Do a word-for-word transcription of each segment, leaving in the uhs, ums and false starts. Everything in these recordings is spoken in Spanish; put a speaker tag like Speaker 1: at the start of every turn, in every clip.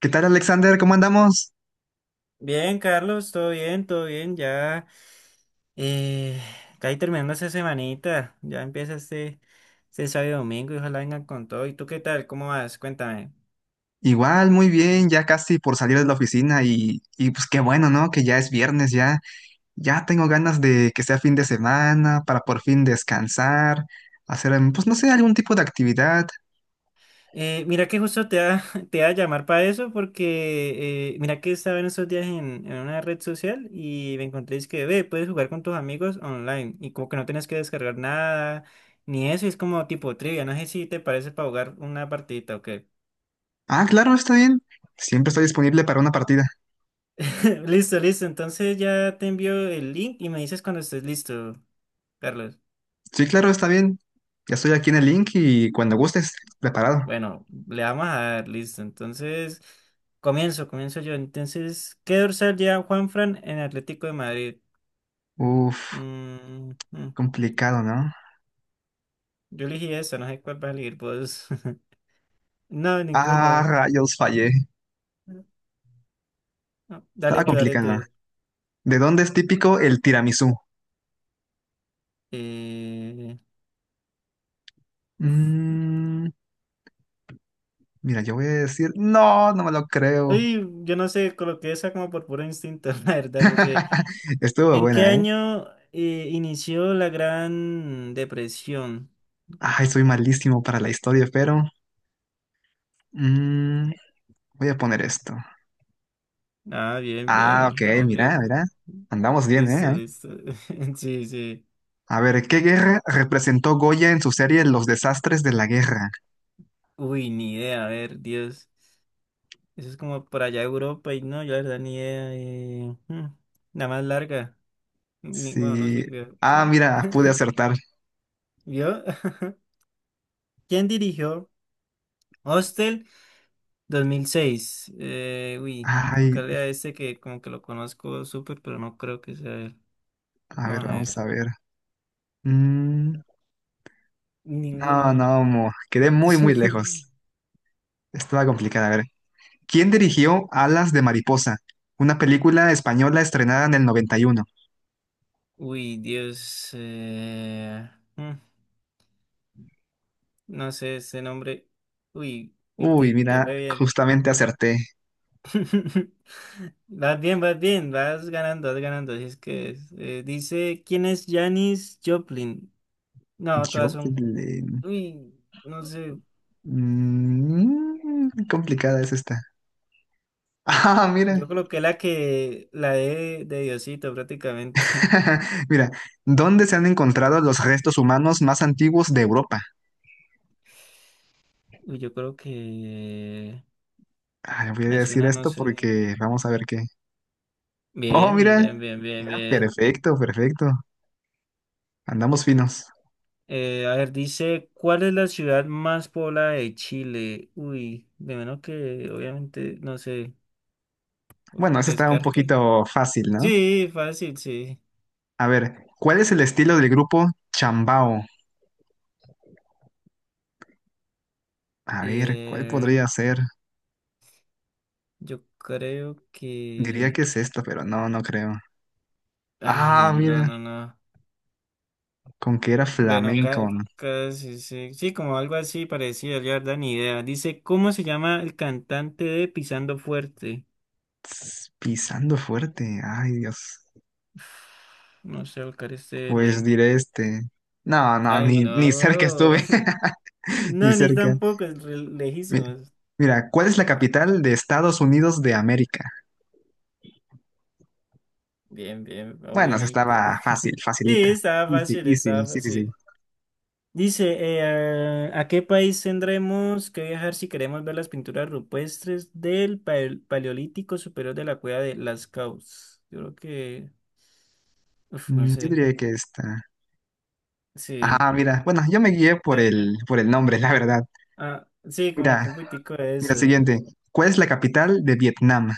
Speaker 1: ¿Qué tal, Alexander? ¿Cómo andamos?
Speaker 2: Bien, Carlos, todo bien, todo bien, ya eh, casi terminando esa semanita, ya empieza este, este sábado y domingo y ojalá vengan con todo. ¿Y tú qué tal? ¿Cómo vas? Cuéntame.
Speaker 1: Igual, muy bien, ya casi por salir de la oficina y, y pues qué bueno, ¿no? Que ya es viernes, ya, ya tengo ganas de que sea fin de semana para por fin descansar, hacer, em, pues no sé, algún tipo de actividad.
Speaker 2: Eh, mira que justo te va, te iba a llamar para eso porque eh, mira que estaba en estos días en, en una red social y me encontré es que, ve, puedes jugar con tus amigos online y como que no tienes que descargar nada ni eso, y es como tipo trivia, no sé si te parece para jugar una partidita o qué.
Speaker 1: Ah, claro, está bien. Siempre estoy disponible para una partida.
Speaker 2: Listo, listo. Entonces ya te envío el link y me dices cuando estés listo, Carlos.
Speaker 1: Sí, claro, está bien. Ya estoy aquí en el link y cuando gustes, preparado.
Speaker 2: Bueno, le vamos a dar, listo. Entonces, comienzo, comienzo yo. Entonces, ¿qué dorsal lleva Juanfran en Atlético de Madrid?
Speaker 1: Uf,
Speaker 2: Mm, mm.
Speaker 1: complicado, ¿no?
Speaker 2: Yo elegí esa, no sé cuál vas a elegir vos. No,
Speaker 1: Ah,
Speaker 2: ninguna.
Speaker 1: rayos, fallé.
Speaker 2: No,
Speaker 1: Estaba
Speaker 2: dale tú, dale
Speaker 1: complicado.
Speaker 2: tú.
Speaker 1: ¿De dónde es típico el tiramisú?
Speaker 2: Eh, Uf.
Speaker 1: Mmm, mira, yo voy a decir, no, no me lo creo.
Speaker 2: Ay, yo no sé, coloqué esa como por puro instinto, la verdad, no sé.
Speaker 1: Estuvo
Speaker 2: ¿En qué
Speaker 1: buena, ¿eh?
Speaker 2: año eh, inició la Gran Depresión?
Speaker 1: Ay, soy malísimo para la historia, pero mm, voy a poner esto.
Speaker 2: Ah, bien,
Speaker 1: Ah, ok,
Speaker 2: bien, vamos
Speaker 1: mira,
Speaker 2: bien.
Speaker 1: mira. Andamos bien,
Speaker 2: Listo,
Speaker 1: ¿eh?
Speaker 2: listo. Sí, sí.
Speaker 1: A ver, ¿qué guerra representó Goya en su serie Los desastres de la guerra?
Speaker 2: Uy, ni idea, a ver, Dios. Eso es como por allá Europa y no, yo la verdad ni idea. eh, hmm, La más larga. Ni- bueno, no
Speaker 1: Sí.
Speaker 2: sirvió.
Speaker 1: Ah, mira, pude acertar.
Speaker 2: ¿Vio? ¿Quién dirigió Hostel dos mil seis? Eh, uy, acá
Speaker 1: Ay,
Speaker 2: lea este que como que lo conozco súper, pero no creo que sea él.
Speaker 1: a
Speaker 2: Vamos
Speaker 1: ver,
Speaker 2: a
Speaker 1: vamos
Speaker 2: ver.
Speaker 1: a ver. Mm, no,
Speaker 2: Ninguno.
Speaker 1: no, mo- quedé muy, muy lejos. Estaba complicada, a ver. ¿Quién dirigió Alas de Mariposa, una película española estrenada en el noventa y uno?
Speaker 2: Uy, Dios. eh, mm, No sé ese nombre. Uy, uy,
Speaker 1: Uy,
Speaker 2: te, te
Speaker 1: mira,
Speaker 2: fue bien.
Speaker 1: justamente acerté.
Speaker 2: Vas bien, vas bien, vas ganando, vas ganando. Así es que es, eh, dice, ¿quién es Janis Joplin? No,
Speaker 1: Yo
Speaker 2: todas son...
Speaker 1: le.
Speaker 2: Uy, no sé.
Speaker 1: Mm, complicada es esta. Ah, mira.
Speaker 2: Yo creo que la que... La de, de Diosito prácticamente.
Speaker 1: Mira, ¿dónde se han encontrado los restos humanos más antiguos de Europa?
Speaker 2: Uy, yo creo que...
Speaker 1: Ah, voy a
Speaker 2: Me
Speaker 1: decir
Speaker 2: suena, no
Speaker 1: esto
Speaker 2: sé.
Speaker 1: porque vamos a ver qué. Oh,
Speaker 2: Bien,
Speaker 1: mira.
Speaker 2: bien, bien, bien,
Speaker 1: Mira,
Speaker 2: bien.
Speaker 1: perfecto, perfecto. Andamos finos.
Speaker 2: Eh, a ver, dice, ¿cuál es la ciudad más poblada de Chile? Uy, de menos que, obviamente, no sé, por
Speaker 1: Bueno, eso está un
Speaker 2: descarte.
Speaker 1: poquito fácil, ¿no?
Speaker 2: Sí, fácil, sí.
Speaker 1: A ver, ¿cuál es el estilo del grupo Chambao? A ver, ¿cuál
Speaker 2: Eh,
Speaker 1: podría ser?
Speaker 2: yo creo
Speaker 1: Diría
Speaker 2: que...
Speaker 1: que es esta, pero no, no creo.
Speaker 2: Ay,
Speaker 1: Ah,
Speaker 2: no,
Speaker 1: mira,
Speaker 2: no, no.
Speaker 1: con que era
Speaker 2: Bueno,
Speaker 1: flamenco,
Speaker 2: ca-
Speaker 1: ¿no?
Speaker 2: casi, sí, sí, como algo así parecido, yo la verdad ni idea. Dice, ¿cómo se llama el cantante de Pisando Fuerte?
Speaker 1: Tss, pisando fuerte. Ay, Dios.
Speaker 2: No sé, buscar este
Speaker 1: Pues
Speaker 2: men.
Speaker 1: diré este. No, no,
Speaker 2: Ay,
Speaker 1: ni, ni cerca
Speaker 2: no.
Speaker 1: estuve. Ni
Speaker 2: No, ni
Speaker 1: cerca.
Speaker 2: tampoco, es re-
Speaker 1: Mi-
Speaker 2: lejísimos.
Speaker 1: Mira, ¿cuál es la
Speaker 2: Ah,
Speaker 1: capital de Estados Unidos de América?
Speaker 2: bien, bien,
Speaker 1: Bueno, se
Speaker 2: obviamente.
Speaker 1: estaba fácil,
Speaker 2: Sí,
Speaker 1: facilita.
Speaker 2: estaba
Speaker 1: Easy,
Speaker 2: fácil, estaba
Speaker 1: easy, sí, sí, sí.
Speaker 2: fácil. Dice, eh, ¿a qué país tendremos que viajar si queremos ver las pinturas rupestres del pal- Paleolítico Superior de la cueva de Las Caus? Yo creo que, uf, no
Speaker 1: Mm, yo
Speaker 2: sé,
Speaker 1: diría que esta.
Speaker 2: sí,
Speaker 1: Ah, mira, bueno, yo me guié por
Speaker 2: la-
Speaker 1: el, por el nombre, la verdad.
Speaker 2: ah, sí, como que
Speaker 1: Mira,
Speaker 2: un poquitico de
Speaker 1: mira,
Speaker 2: eso.
Speaker 1: siguiente. ¿Cuál es la capital de Vietnam?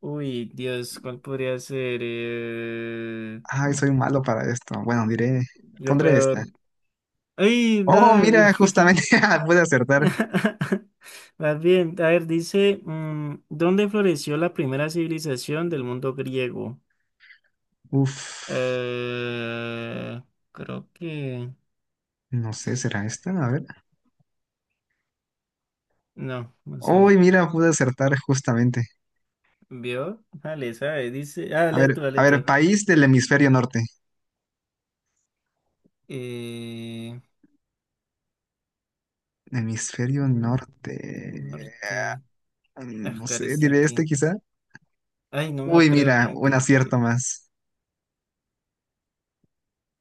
Speaker 2: Uy, Dios, ¿cuál podría ser? Eh,
Speaker 1: Ay,
Speaker 2: mm,
Speaker 1: soy malo para esto. Bueno, diré,
Speaker 2: yo
Speaker 1: pondré esta.
Speaker 2: peor. ¡Ay,
Speaker 1: Oh,
Speaker 2: no!
Speaker 1: mira, justamente ah, pude acertar.
Speaker 2: Más bien, a ver, dice, mm, ¿dónde floreció la primera civilización del mundo griego?
Speaker 1: Uf,
Speaker 2: Eh, Creo que...
Speaker 1: no sé, ¿será esta? A ver.
Speaker 2: No, no
Speaker 1: Oh,
Speaker 2: sé.
Speaker 1: mira, pude acertar justamente.
Speaker 2: ¿Vio? Dale, sabe, dice... Ah,
Speaker 1: A
Speaker 2: dale
Speaker 1: ver,
Speaker 2: tú,
Speaker 1: a
Speaker 2: dale
Speaker 1: ver,
Speaker 2: tú.
Speaker 1: país del hemisferio norte.
Speaker 2: Eh,
Speaker 1: Hemisferio
Speaker 2: mm,
Speaker 1: norte.
Speaker 2: Norte...
Speaker 1: Mm,
Speaker 2: Ah,
Speaker 1: no
Speaker 2: cara,
Speaker 1: sé,
Speaker 2: está
Speaker 1: diré
Speaker 2: aquí.
Speaker 1: este quizá.
Speaker 2: Ay, no me lo
Speaker 1: Uy,
Speaker 2: creo,
Speaker 1: mira,
Speaker 2: como
Speaker 1: un
Speaker 2: que...
Speaker 1: acierto más.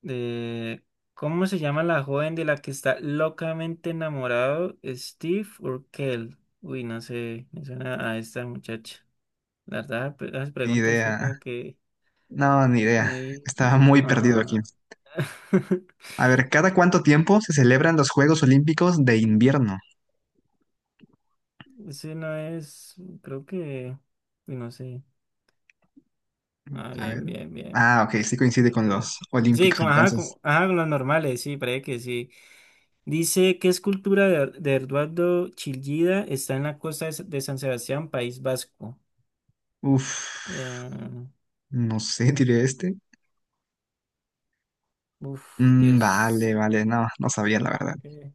Speaker 2: de ¿cómo se llama la joven de la que está locamente enamorado? ¿Steve o Kel? Uy, no sé, me suena a esta muchacha. La verdad, pe- las
Speaker 1: Ni
Speaker 2: preguntas así
Speaker 1: idea.
Speaker 2: como que
Speaker 1: No, ni idea.
Speaker 2: muy...
Speaker 1: Estaba muy perdido aquí.
Speaker 2: Ajá.
Speaker 1: A ver, ¿cada cuánto tiempo se celebran los Juegos Olímpicos de invierno?
Speaker 2: Ese no es, creo que... Uy, no sé. Ah,
Speaker 1: A
Speaker 2: bien,
Speaker 1: ver.
Speaker 2: bien, bien.
Speaker 1: Ah, ok, sí coincide con
Speaker 2: Súper.
Speaker 1: los
Speaker 2: Sí,
Speaker 1: olímpicos,
Speaker 2: como, ajá,
Speaker 1: entonces.
Speaker 2: como, ajá, con los normales, sí, parece que sí. Dice, ¿qué escultura de, de Eduardo Chillida está en la costa de, S- de San Sebastián, País Vasco?
Speaker 1: Uf,
Speaker 2: Eh,
Speaker 1: no sé, diré este.
Speaker 2: Uf,
Speaker 1: Mm, vale,
Speaker 2: Dios.
Speaker 1: vale, no, no sabía la
Speaker 2: Ah,
Speaker 1: verdad.
Speaker 2: ¿por qué?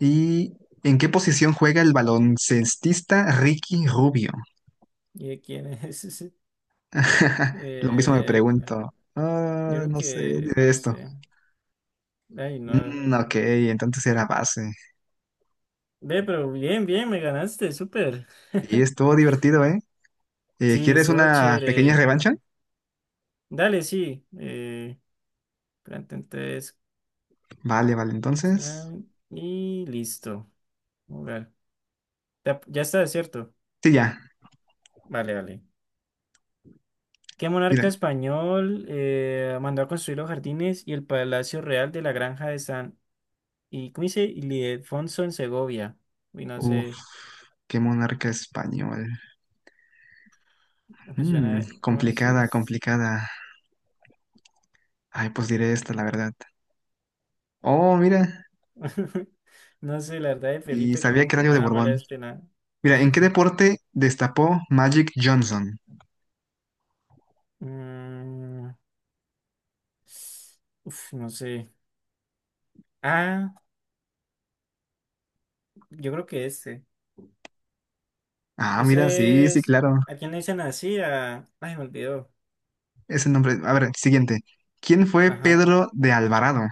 Speaker 1: ¿Y en qué posición juega el baloncestista Ricky Rubio?
Speaker 2: ¿Y de quién es ese?
Speaker 1: Lo mismo me
Speaker 2: Eh,
Speaker 1: pregunto. Ah,
Speaker 2: yo creo
Speaker 1: no sé,
Speaker 2: que,
Speaker 1: diré
Speaker 2: no
Speaker 1: esto.
Speaker 2: sé. Ay, no.
Speaker 1: Mm, ok, entonces era base.
Speaker 2: Ve, pero bien, bien, me ganaste, súper.
Speaker 1: Y estuvo divertido, ¿eh? Eh,
Speaker 2: Sí,
Speaker 1: ¿Quieres
Speaker 2: estuvo
Speaker 1: una pequeña
Speaker 2: chévere.
Speaker 1: revancha?
Speaker 2: Dale, sí. Eh, Grand Theft tres,
Speaker 1: Vale, vale, entonces.
Speaker 2: tan, y listo. Jugar. Ya, ya está, ¿cierto?
Speaker 1: Sí, ya,
Speaker 2: Vale, vale. ¿Qué
Speaker 1: mira.
Speaker 2: monarca español eh, mandó a construir los jardines y el palacio real de la granja de San Y ¿cómo dice? Ildefonso en Segovia. Uy, no
Speaker 1: Uf,
Speaker 2: sé,
Speaker 1: qué monarca español.
Speaker 2: me suena
Speaker 1: Mm, complicada,
Speaker 2: Marxist.
Speaker 1: complicada. Ay, pues diré esta, la verdad. Oh, mira,
Speaker 2: No sé, la verdad de
Speaker 1: y
Speaker 2: Felipe
Speaker 1: sabía
Speaker 2: como
Speaker 1: que era
Speaker 2: que
Speaker 1: algo
Speaker 2: me
Speaker 1: de
Speaker 2: da mala
Speaker 1: Borbón.
Speaker 2: espina.
Speaker 1: Mira, ¿en qué deporte destapó Magic Johnson?
Speaker 2: Mm, Uf, no sé. Ah, yo creo que este.
Speaker 1: Ah, mira, sí,
Speaker 2: Ese
Speaker 1: sí,
Speaker 2: es.
Speaker 1: claro.
Speaker 2: ¿A quién le dicen así? A... Ay, me olvidó.
Speaker 1: Ese nombre. A ver, siguiente. ¿Quién fue
Speaker 2: Ajá,
Speaker 1: Pedro de Alvarado?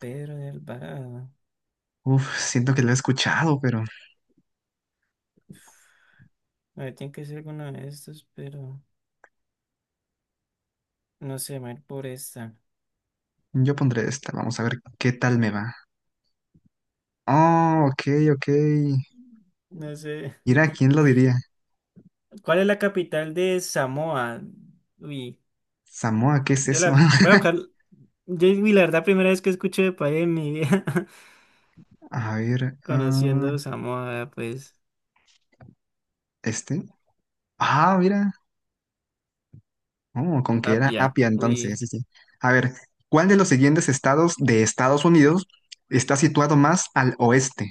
Speaker 2: Pedro de Alvarado.
Speaker 1: Uf, siento que lo he escuchado, pero
Speaker 2: Uf, a ver, tiene que ser alguno de estos, pero. No sé, me voy a ir por esta.
Speaker 1: yo pondré esta. Vamos a ver qué tal me va. Oh, ok, ok.
Speaker 2: No sé.
Speaker 1: Mira, ¿quién lo diría?
Speaker 2: ¿Cuál es la capital de Samoa? Uy,
Speaker 1: Samoa, ¿qué es
Speaker 2: yo
Speaker 1: eso?
Speaker 2: la voy a buscar. Yo, uy, la verdad, primera vez que escucho de país en mi vida,
Speaker 1: A ver, ah,
Speaker 2: conociendo Samoa, vea, pues,
Speaker 1: este. Ah, mira. Oh, con que era
Speaker 2: Apia.
Speaker 1: Apia entonces,
Speaker 2: Uy,
Speaker 1: sí, sí. A ver, ¿cuál de los siguientes estados de Estados Unidos está situado más al oeste?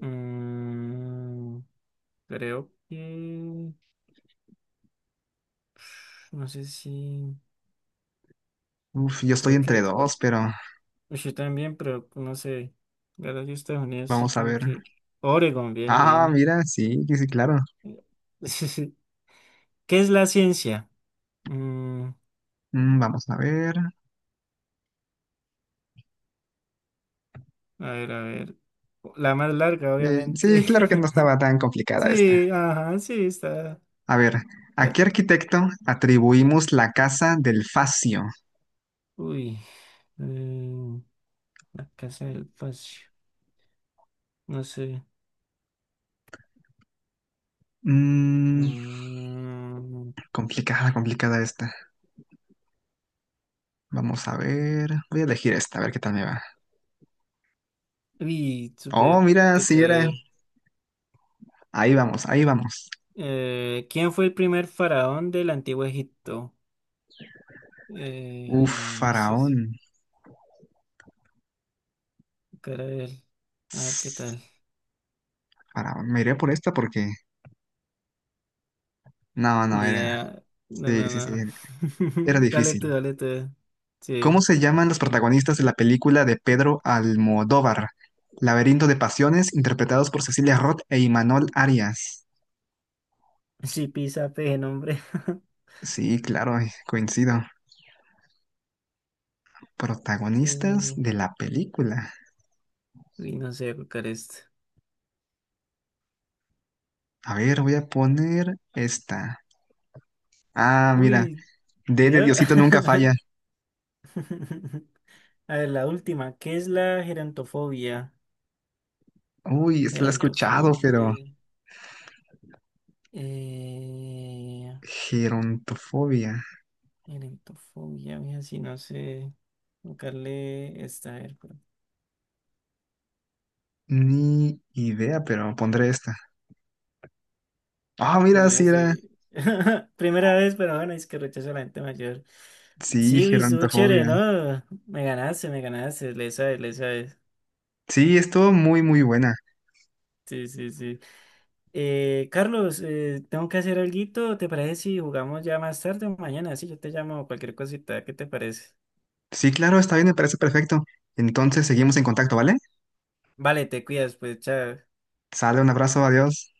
Speaker 2: mm, Creo que. No sé si.
Speaker 1: Uf, yo estoy
Speaker 2: Creo
Speaker 1: entre
Speaker 2: que.
Speaker 1: dos,
Speaker 2: Or-
Speaker 1: pero
Speaker 2: uy, yo también, pero no sé. La verdad, yo Estados Unidos, sí,
Speaker 1: vamos a
Speaker 2: como
Speaker 1: ver.
Speaker 2: que. Oregon, bien,
Speaker 1: Ah,
Speaker 2: bien.
Speaker 1: mira, sí, sí, sí, claro.
Speaker 2: ¿Qué es la ciencia? Mm,
Speaker 1: Mm, vamos a ver.
Speaker 2: A ver, a ver. La más larga,
Speaker 1: Eh, sí,
Speaker 2: obviamente.
Speaker 1: claro que no estaba tan complicada esta.
Speaker 2: Sí, ajá, sí, está.
Speaker 1: A ver, ¿a qué
Speaker 2: De-
Speaker 1: arquitecto atribuimos la casa del Facio?
Speaker 2: Uy. eh, la casa del espacio. No sé.
Speaker 1: Mm,
Speaker 2: Mm,
Speaker 1: complicada, complicada esta. Vamos a ver. Voy a elegir esta, a ver qué tal me va.
Speaker 2: uy,
Speaker 1: Oh,
Speaker 2: súper
Speaker 1: mira,
Speaker 2: te
Speaker 1: sí era.
Speaker 2: quedé.
Speaker 1: Ahí vamos, ahí vamos.
Speaker 2: Eh, ¿quién fue el primer faraón del antiguo Egipto?
Speaker 1: Uf,
Speaker 2: Eh, no sé. Si-
Speaker 1: faraón.
Speaker 2: Cara de él. A ver qué
Speaker 1: Tss,
Speaker 2: tal.
Speaker 1: faraón. Me iré por esta porque. No, no,
Speaker 2: Ni
Speaker 1: era.
Speaker 2: idea. No,
Speaker 1: Sí,
Speaker 2: no,
Speaker 1: sí, sí.
Speaker 2: no.
Speaker 1: Era
Speaker 2: Dale tú,
Speaker 1: difícil.
Speaker 2: dale tú.
Speaker 1: ¿Cómo
Speaker 2: Sí.
Speaker 1: se llaman los protagonistas de la película de Pedro Almodóvar Laberinto de Pasiones, interpretados por Cecilia Roth e Imanol Arias?
Speaker 2: Sí, pisa, peje, nombre.
Speaker 1: Sí, claro, eh, coincido. Protagonistas
Speaker 2: Eh,
Speaker 1: de la película.
Speaker 2: Uy, no sé colocar esto.
Speaker 1: A ver, voy a poner esta. Ah, mira.
Speaker 2: Uy,
Speaker 1: D
Speaker 2: yo.
Speaker 1: de Diosito nunca falla.
Speaker 2: A ver, la última. ¿Qué es la gerontofobia?
Speaker 1: Uy, esta la he escuchado, pero.
Speaker 2: Gerontofobia. Eh,
Speaker 1: Gerontofobia.
Speaker 2: Gerontofobia, mira, si no sé buscarle esta. A ver, cu-
Speaker 1: Ni idea, pero pondré esta. Ah, mira,
Speaker 2: uy,
Speaker 1: sí era.
Speaker 2: así. Primera vez, pero bueno, es que rechazo a la gente mayor.
Speaker 1: Sí,
Speaker 2: Sí, vi estuvo
Speaker 1: gerontofobia.
Speaker 2: chévere, ¿no? Me ganaste, me ganaste. Le sabes, le sabes.
Speaker 1: Sí, estuvo muy, muy buena.
Speaker 2: Sí, sí, sí. Eh, Carlos, eh, tengo que hacer alguito. ¿Te parece si jugamos ya más tarde o mañana? Sí, yo te llamo cualquier cosita. ¿Qué te parece?
Speaker 1: Sí, claro, está bien, me parece perfecto. Entonces seguimos en contacto, ¿vale?
Speaker 2: Vale, te cuidas, pues, chao.
Speaker 1: Sale, un abrazo, adiós.